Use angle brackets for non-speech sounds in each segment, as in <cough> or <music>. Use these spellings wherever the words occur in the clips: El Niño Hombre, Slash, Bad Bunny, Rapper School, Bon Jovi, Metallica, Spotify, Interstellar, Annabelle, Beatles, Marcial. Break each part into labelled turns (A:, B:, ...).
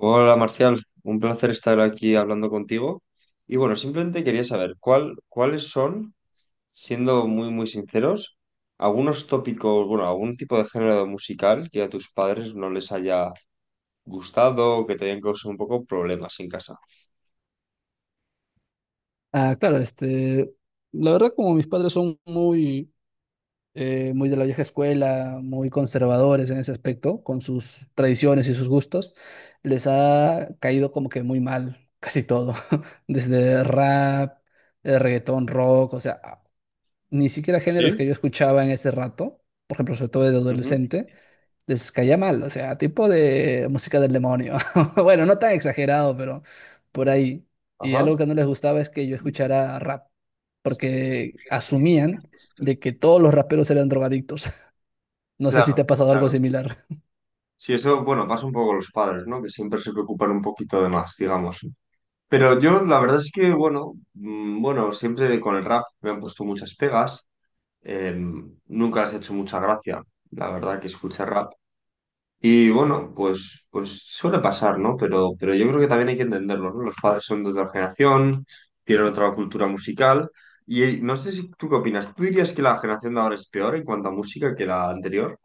A: Hola Marcial, un placer estar aquí hablando contigo. Y bueno, simplemente quería saber cuáles son, siendo muy muy sinceros, algunos tópicos, bueno, algún tipo de género musical que a tus padres no les haya gustado o que te hayan causado un poco problemas en casa.
B: Ah, claro, la verdad como mis padres son muy de la vieja escuela, muy conservadores en ese aspecto, con sus tradiciones y sus gustos, les ha caído como que muy mal casi todo, <laughs> desde rap, reggaetón, rock, o sea, ni siquiera géneros
A: Sí,
B: que yo escuchaba en ese rato, por ejemplo, sobre todo de
A: ujú.
B: adolescente les caía mal, o sea, tipo de música del demonio. <laughs> Bueno, no tan exagerado, pero por ahí. Y
A: Ajá.
B: algo que no les gustaba es que yo escuchara rap, porque asumían de que todos los raperos eran drogadictos. <laughs> No sé si te
A: Claro,
B: ha pasado algo
A: claro.
B: similar.
A: Sí, eso, bueno, pasa un poco con los padres, ¿no? Que siempre se preocupan un poquito de más, digamos. Pero yo, la verdad es que, bueno, bueno, siempre con el rap me han puesto muchas pegas. Eh, nunca has hecho mucha gracia, la verdad, que escuche rap. Y bueno, pues suele pasar, ¿no? Pero yo creo que también hay que entenderlo, ¿no? Los padres son de otra generación, tienen otra cultura musical. Y no sé si tú qué opinas. ¿Tú dirías que la generación de ahora es peor en cuanto a música que la anterior?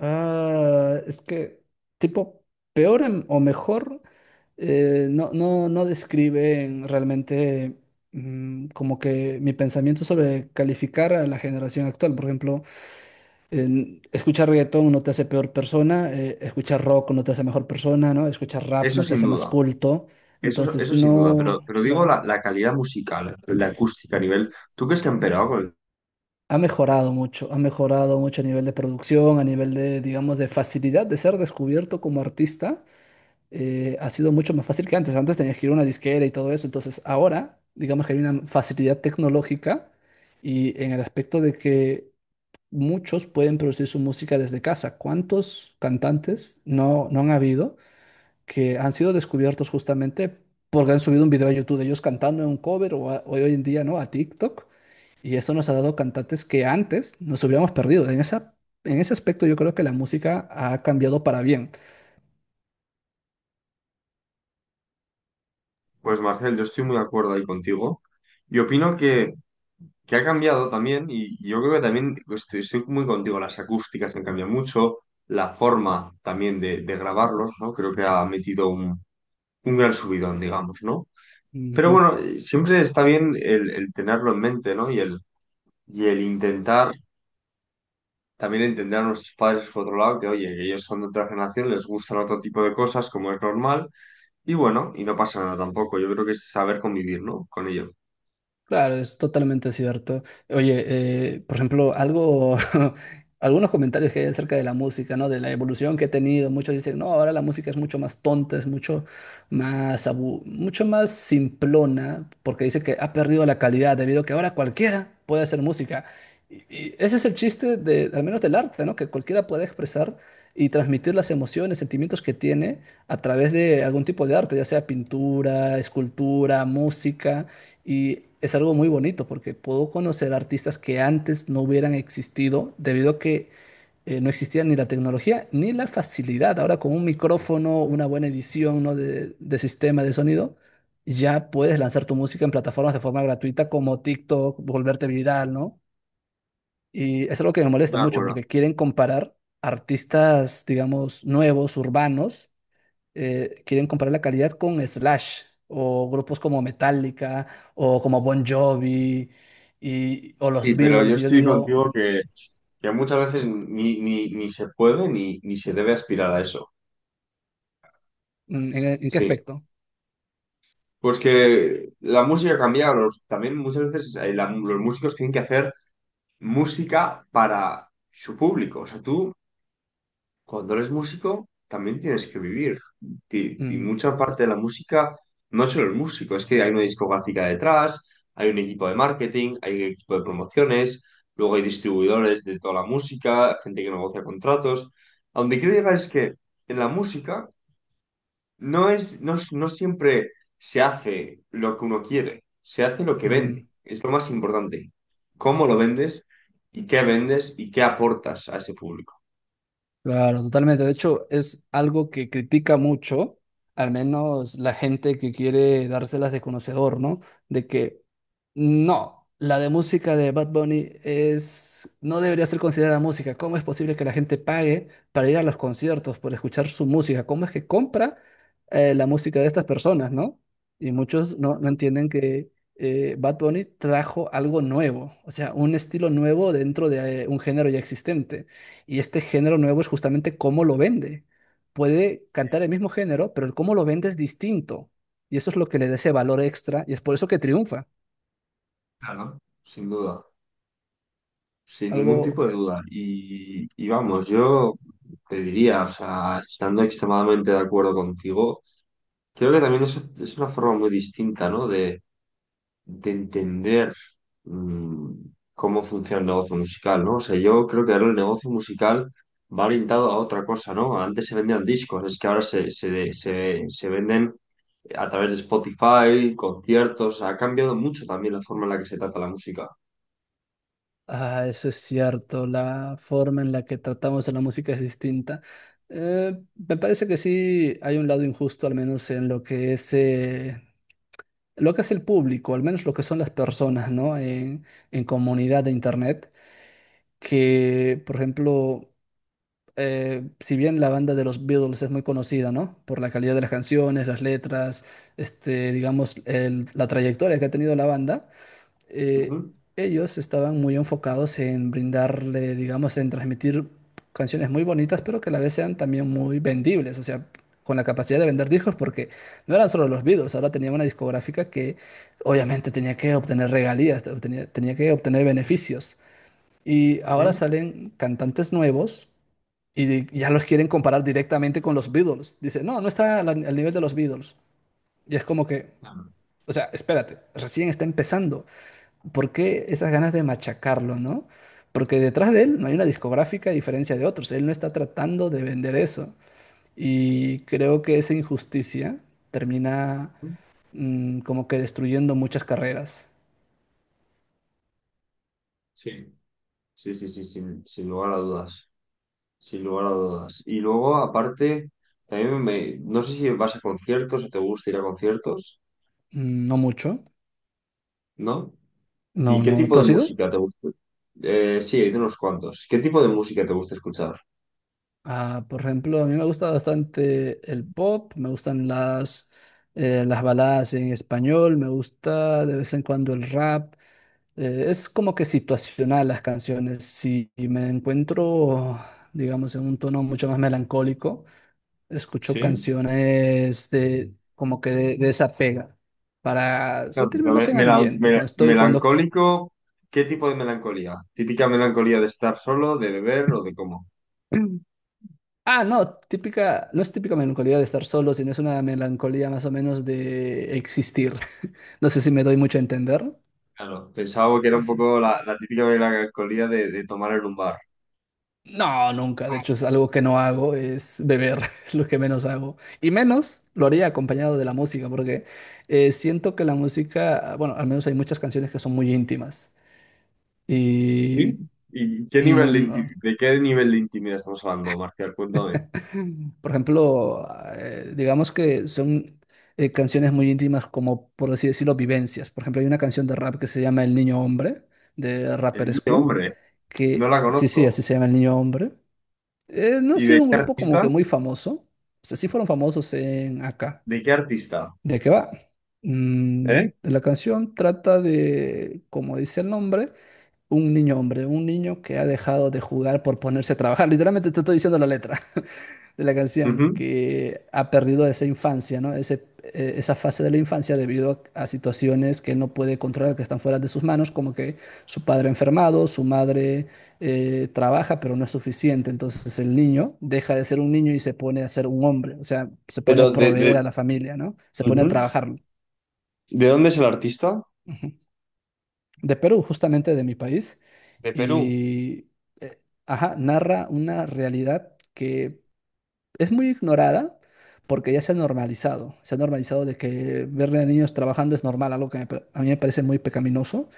B: Ah, es que, tipo, o mejor, no describen realmente como que mi pensamiento sobre calificar a la generación actual. Por ejemplo, escuchar reggaetón no te hace peor persona, escuchar rock no te hace mejor persona, ¿no? Escuchar rap
A: Eso
B: no te
A: sin
B: hace más
A: duda,
B: culto. Entonces,
A: eso sin duda.
B: no,
A: Pero digo
B: claro,
A: la calidad musical, la acústica a nivel. ¿Tú crees que han empeorado?
B: ha mejorado mucho a nivel de producción, a nivel de, digamos, de facilidad de ser descubierto como artista. Ha sido mucho más fácil que antes. Antes tenías que ir a una disquera y todo eso. Entonces, ahora, digamos que hay una facilidad tecnológica y en el aspecto de que muchos pueden producir su música desde casa. ¿Cuántos cantantes no han habido que han sido descubiertos justamente porque han subido un video a YouTube de ellos cantando en un cover o hoy en día, ¿no? A TikTok. Y eso nos ha dado cantantes que antes nos hubiéramos perdido. En ese aspecto yo creo que la música ha cambiado para bien.
A: Pues Marcel, yo estoy muy de acuerdo ahí contigo. Y opino que ha cambiado también, y yo creo que también estoy muy contigo, las acústicas han cambiado mucho, la forma también de grabarlos, ¿no? Creo que ha metido un gran subidón, digamos, ¿no? Pero
B: Ujú.
A: bueno, siempre está bien el tenerlo en mente, ¿no? Y y el intentar también entender a nuestros padres por otro lado, que oye, que ellos son de otra generación, les gustan otro tipo de cosas, como es normal, y bueno, y no pasa nada tampoco, yo creo que es saber convivir, ¿no? Con ello.
B: Claro, es totalmente cierto. Oye, por ejemplo, algo, <laughs> algunos comentarios que hay acerca de la música, ¿no? De la evolución que ha tenido. Muchos dicen, no, ahora la música es mucho más tonta, es mucho más simplona, porque dice que ha perdido la calidad debido a que ahora cualquiera puede hacer música. Y ese es el chiste de, al menos del arte, ¿no? Que cualquiera puede expresar y transmitir las emociones, sentimientos que tiene a través de algún tipo de arte, ya sea pintura, escultura, música. Y es algo muy bonito porque puedo conocer artistas que antes no hubieran existido debido a que no existía ni la tecnología ni la facilidad. Ahora con un micrófono, una buena edición, ¿no? de sistema de sonido, ya puedes lanzar tu música en plataformas de forma gratuita como TikTok, volverte viral, ¿no? Y es algo que me molesta
A: Me
B: mucho
A: acuerdo.
B: porque quieren comparar artistas, digamos, nuevos, urbanos, quieren comparar la calidad con Slash o grupos como Metallica o como Bon Jovi y, o
A: Sí,
B: los
A: pero yo
B: Beatles. Y yo
A: estoy
B: digo,
A: contigo que muchas veces ni se puede ni se debe aspirar a eso.
B: ¿en qué
A: Sí.
B: aspecto?
A: Pues que la música cambia, también muchas veces los músicos tienen que hacer música para su público. O sea, tú cuando eres músico también tienes que vivir. Y
B: Mm,
A: mucha parte de la música no es solo el músico, es que hay una discográfica detrás, hay un equipo de marketing, hay un equipo de promociones, luego hay distribuidores de toda la música, gente que negocia contratos. A donde quiero llegar es que en la música no es, no siempre se hace lo que uno quiere, se hace lo que vende.
B: mm,
A: Es lo más importante. ¿Cómo lo vendes y qué aportas a ese público?
B: Claro, totalmente. De hecho, es algo que critica mucho, al menos la gente que quiere dárselas de conocedor, ¿no? De que no, la de música de Bad Bunny es, no debería ser considerada música. ¿Cómo es posible que la gente pague para ir a los conciertos, por escuchar su música? ¿Cómo es que compra la música de estas personas, ¿no? Y muchos no
A: Ujú.
B: entienden que Bad Bunny trajo algo nuevo, o sea, un estilo nuevo dentro de un género ya existente. Y este género nuevo es justamente cómo lo vende. Puede cantar el mismo género, pero el cómo lo vende es distinto. Y eso es lo que le da ese valor extra y es por eso que triunfa.
A: Claro. Sin duda, sin
B: Algo,
A: ningún tipo de duda. Y vamos, yo te diría, o sea, estando extremadamente de acuerdo contigo, creo que también eso es una forma muy distinta, ¿no? De entender mm, cómo funciona el negocio musical, ¿no? O sea, yo creo que ahora el negocio musical va orientado a otra cosa, ¿no? Antes se vendían discos, es que ahora se venden a través de Spotify, conciertos, ha cambiado mucho también la forma en la que se trata la música.
B: ah, eso es cierto, la forma en la que tratamos a la música es distinta. Me parece que sí hay un lado injusto, al menos en lo que es el público, al menos lo que son las personas, ¿no? En comunidad de Internet, que, por ejemplo... si bien la banda de los Beatles es muy conocida, ¿no? Por la calidad de las canciones, las letras, este, digamos, la trayectoria que ha tenido la banda, eh,
A: Ujú,
B: ellos estaban muy enfocados en brindarle, digamos, en transmitir canciones muy bonitas, pero que a la vez sean también muy vendibles, o sea, con la capacidad de vender discos, porque no eran solo los Beatles, ahora tenían una discográfica que obviamente tenía que obtener regalías, tenía que obtener beneficios. Y ahora
A: ujú.
B: salen cantantes nuevos y ya los quieren comparar directamente con los Beatles. Dice, no, no está al nivel de los Beatles. Y es como que, o sea, espérate, recién está empezando. ¿Por qué esas ganas de machacarlo, no? Porque detrás de él no hay una discográfica a diferencia de otros. Él no está tratando de vender eso. Y creo que esa injusticia termina
A: Ujú.
B: como que destruyendo muchas carreras.
A: Sí, sí, sí, sí, sin lugar a dudas, sin lugar a dudas. Y luego, aparte, también me, no sé si vas a conciertos o te gusta ir a conciertos,
B: Mm, no mucho.
A: ¿no? ¿Y
B: No,
A: qué
B: no.
A: tipo
B: ¿Tú
A: de
B: has ido?
A: música te gusta? Sí, hay de unos cuantos. ¿Qué tipo de música te gusta escuchar?
B: Ah, por ejemplo, a mí me gusta bastante el pop, me gustan las baladas en español, me gusta de vez en cuando el rap. Es como que situacional las canciones. Si me encuentro, digamos, en un tono mucho más melancólico, escucho
A: ¿Sí?
B: canciones de como que de esa pega para
A: Claro,
B: sentirme
A: pero
B: más en ambiente. Cuando estoy, cuando
A: melancólico, ¿qué tipo de melancolía? ¿Típica melancolía de estar solo, de beber o de cómo?
B: <clears throat> Ah, no, típica, no es típica melancolía de estar solo, sino es una melancolía más o menos de existir. <laughs> No sé si me doy mucho a entender.
A: Claro, pensaba que era
B: No
A: un
B: sé.
A: poco la típica melancolía de tomar en un bar.
B: No, nunca. De hecho, es algo que no hago, es beber, <laughs> es lo que menos hago. Y menos lo haría acompañado de la música, porque siento que la música, bueno, al menos hay muchas canciones que son muy íntimas.
A: ¿Sí?
B: Y
A: ¿Y qué nivel
B: no,
A: de,
B: no.
A: de qué nivel de intimidad estamos hablando, Marcial? Cuéntame.
B: <clears throat> Por ejemplo, digamos que son canciones muy íntimas como, por así decirlo, vivencias. Por ejemplo, hay una canción de rap que se llama El Niño Hombre, de
A: El
B: Rapper
A: niño,
B: School,
A: hombre, no
B: que
A: la
B: sí, sí, así
A: conozco.
B: se llama El Niño Hombre. No ha
A: ¿Y de
B: sido un
A: qué
B: grupo como
A: artista?
B: que muy famoso. O sea, sí fueron famosos en acá.
A: ¿De qué artista?
B: ¿De qué va? Mm,
A: ¿Eh?
B: la canción trata de, como dice el nombre, un niño hombre, un niño que ha dejado de jugar por ponerse a trabajar. <laughs> Literalmente te estoy diciendo la letra de la canción,
A: Ujú.
B: que ha perdido esa infancia, ¿no? Ese, esa fase de la infancia debido a situaciones que él no puede controlar, que están fuera de sus manos, como que su padre enfermado, su madre trabaja, pero no es suficiente. Entonces el niño deja de ser un niño y se pone a ser un hombre, o sea, se pone
A: Pero
B: a proveer a la familia, ¿no? Se pone a
A: ujú.
B: trabajar.
A: ¿De dónde es el artista?
B: Ujú. De Perú, justamente de mi país.
A: De Perú.
B: Y, eh, ajá, Narra una realidad que es muy ignorada porque ya se ha normalizado. Se ha normalizado de que ver a niños trabajando es normal, algo que a mí me parece muy pecaminoso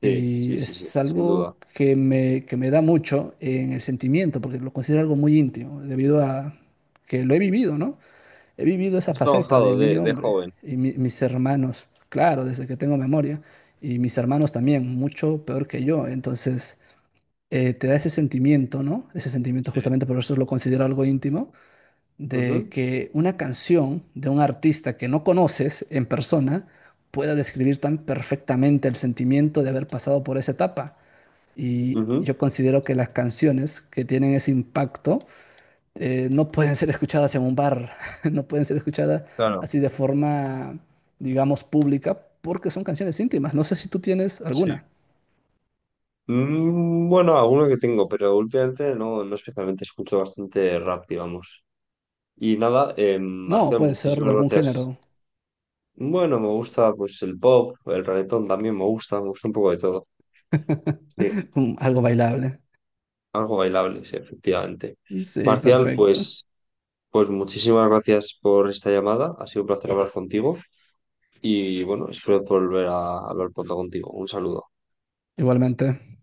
A: Sí,
B: y
A: sí, sí, sí,
B: es
A: sin duda.
B: algo que me da mucho en el sentimiento porque lo considero algo muy íntimo debido a que lo he vivido, ¿no? He vivido esa
A: Has
B: faceta
A: trabajado
B: del niño
A: de
B: hombre
A: joven.
B: y mis hermanos, claro, desde que tengo memoria, y mis hermanos también, mucho peor que yo. Entonces, te da ese sentimiento, ¿no? Ese sentimiento
A: Sí,
B: justamente por eso lo considero algo íntimo de
A: Ujú,
B: que una canción de un artista que no conoces en persona pueda describir tan perfectamente el sentimiento de haber pasado por esa etapa. Y
A: ujú.
B: yo considero que las canciones que tienen ese impacto no pueden ser escuchadas en un bar, <laughs> no pueden ser escuchadas
A: Claro,
B: así de forma, digamos, pública, porque son canciones íntimas. No sé si tú tienes
A: sí.
B: alguna.
A: Mm, bueno, alguno que tengo, pero últimamente no, no especialmente escucho bastante rap, digamos. Y nada,
B: No,
A: Marcel,
B: puede ser de
A: muchísimas
B: algún
A: gracias.
B: género,
A: Bueno, me gusta pues el pop, el reggaetón también me gusta un poco de todo. Sí,
B: <laughs> algo bailable.
A: algo bailable, sí, efectivamente.
B: Sí,
A: Marcial,
B: perfecto.
A: pues, pues muchísimas gracias por esta llamada, ha sido un placer hablar contigo. Y bueno, espero volver a hablar pronto contigo. Un saludo.
B: Igualmente.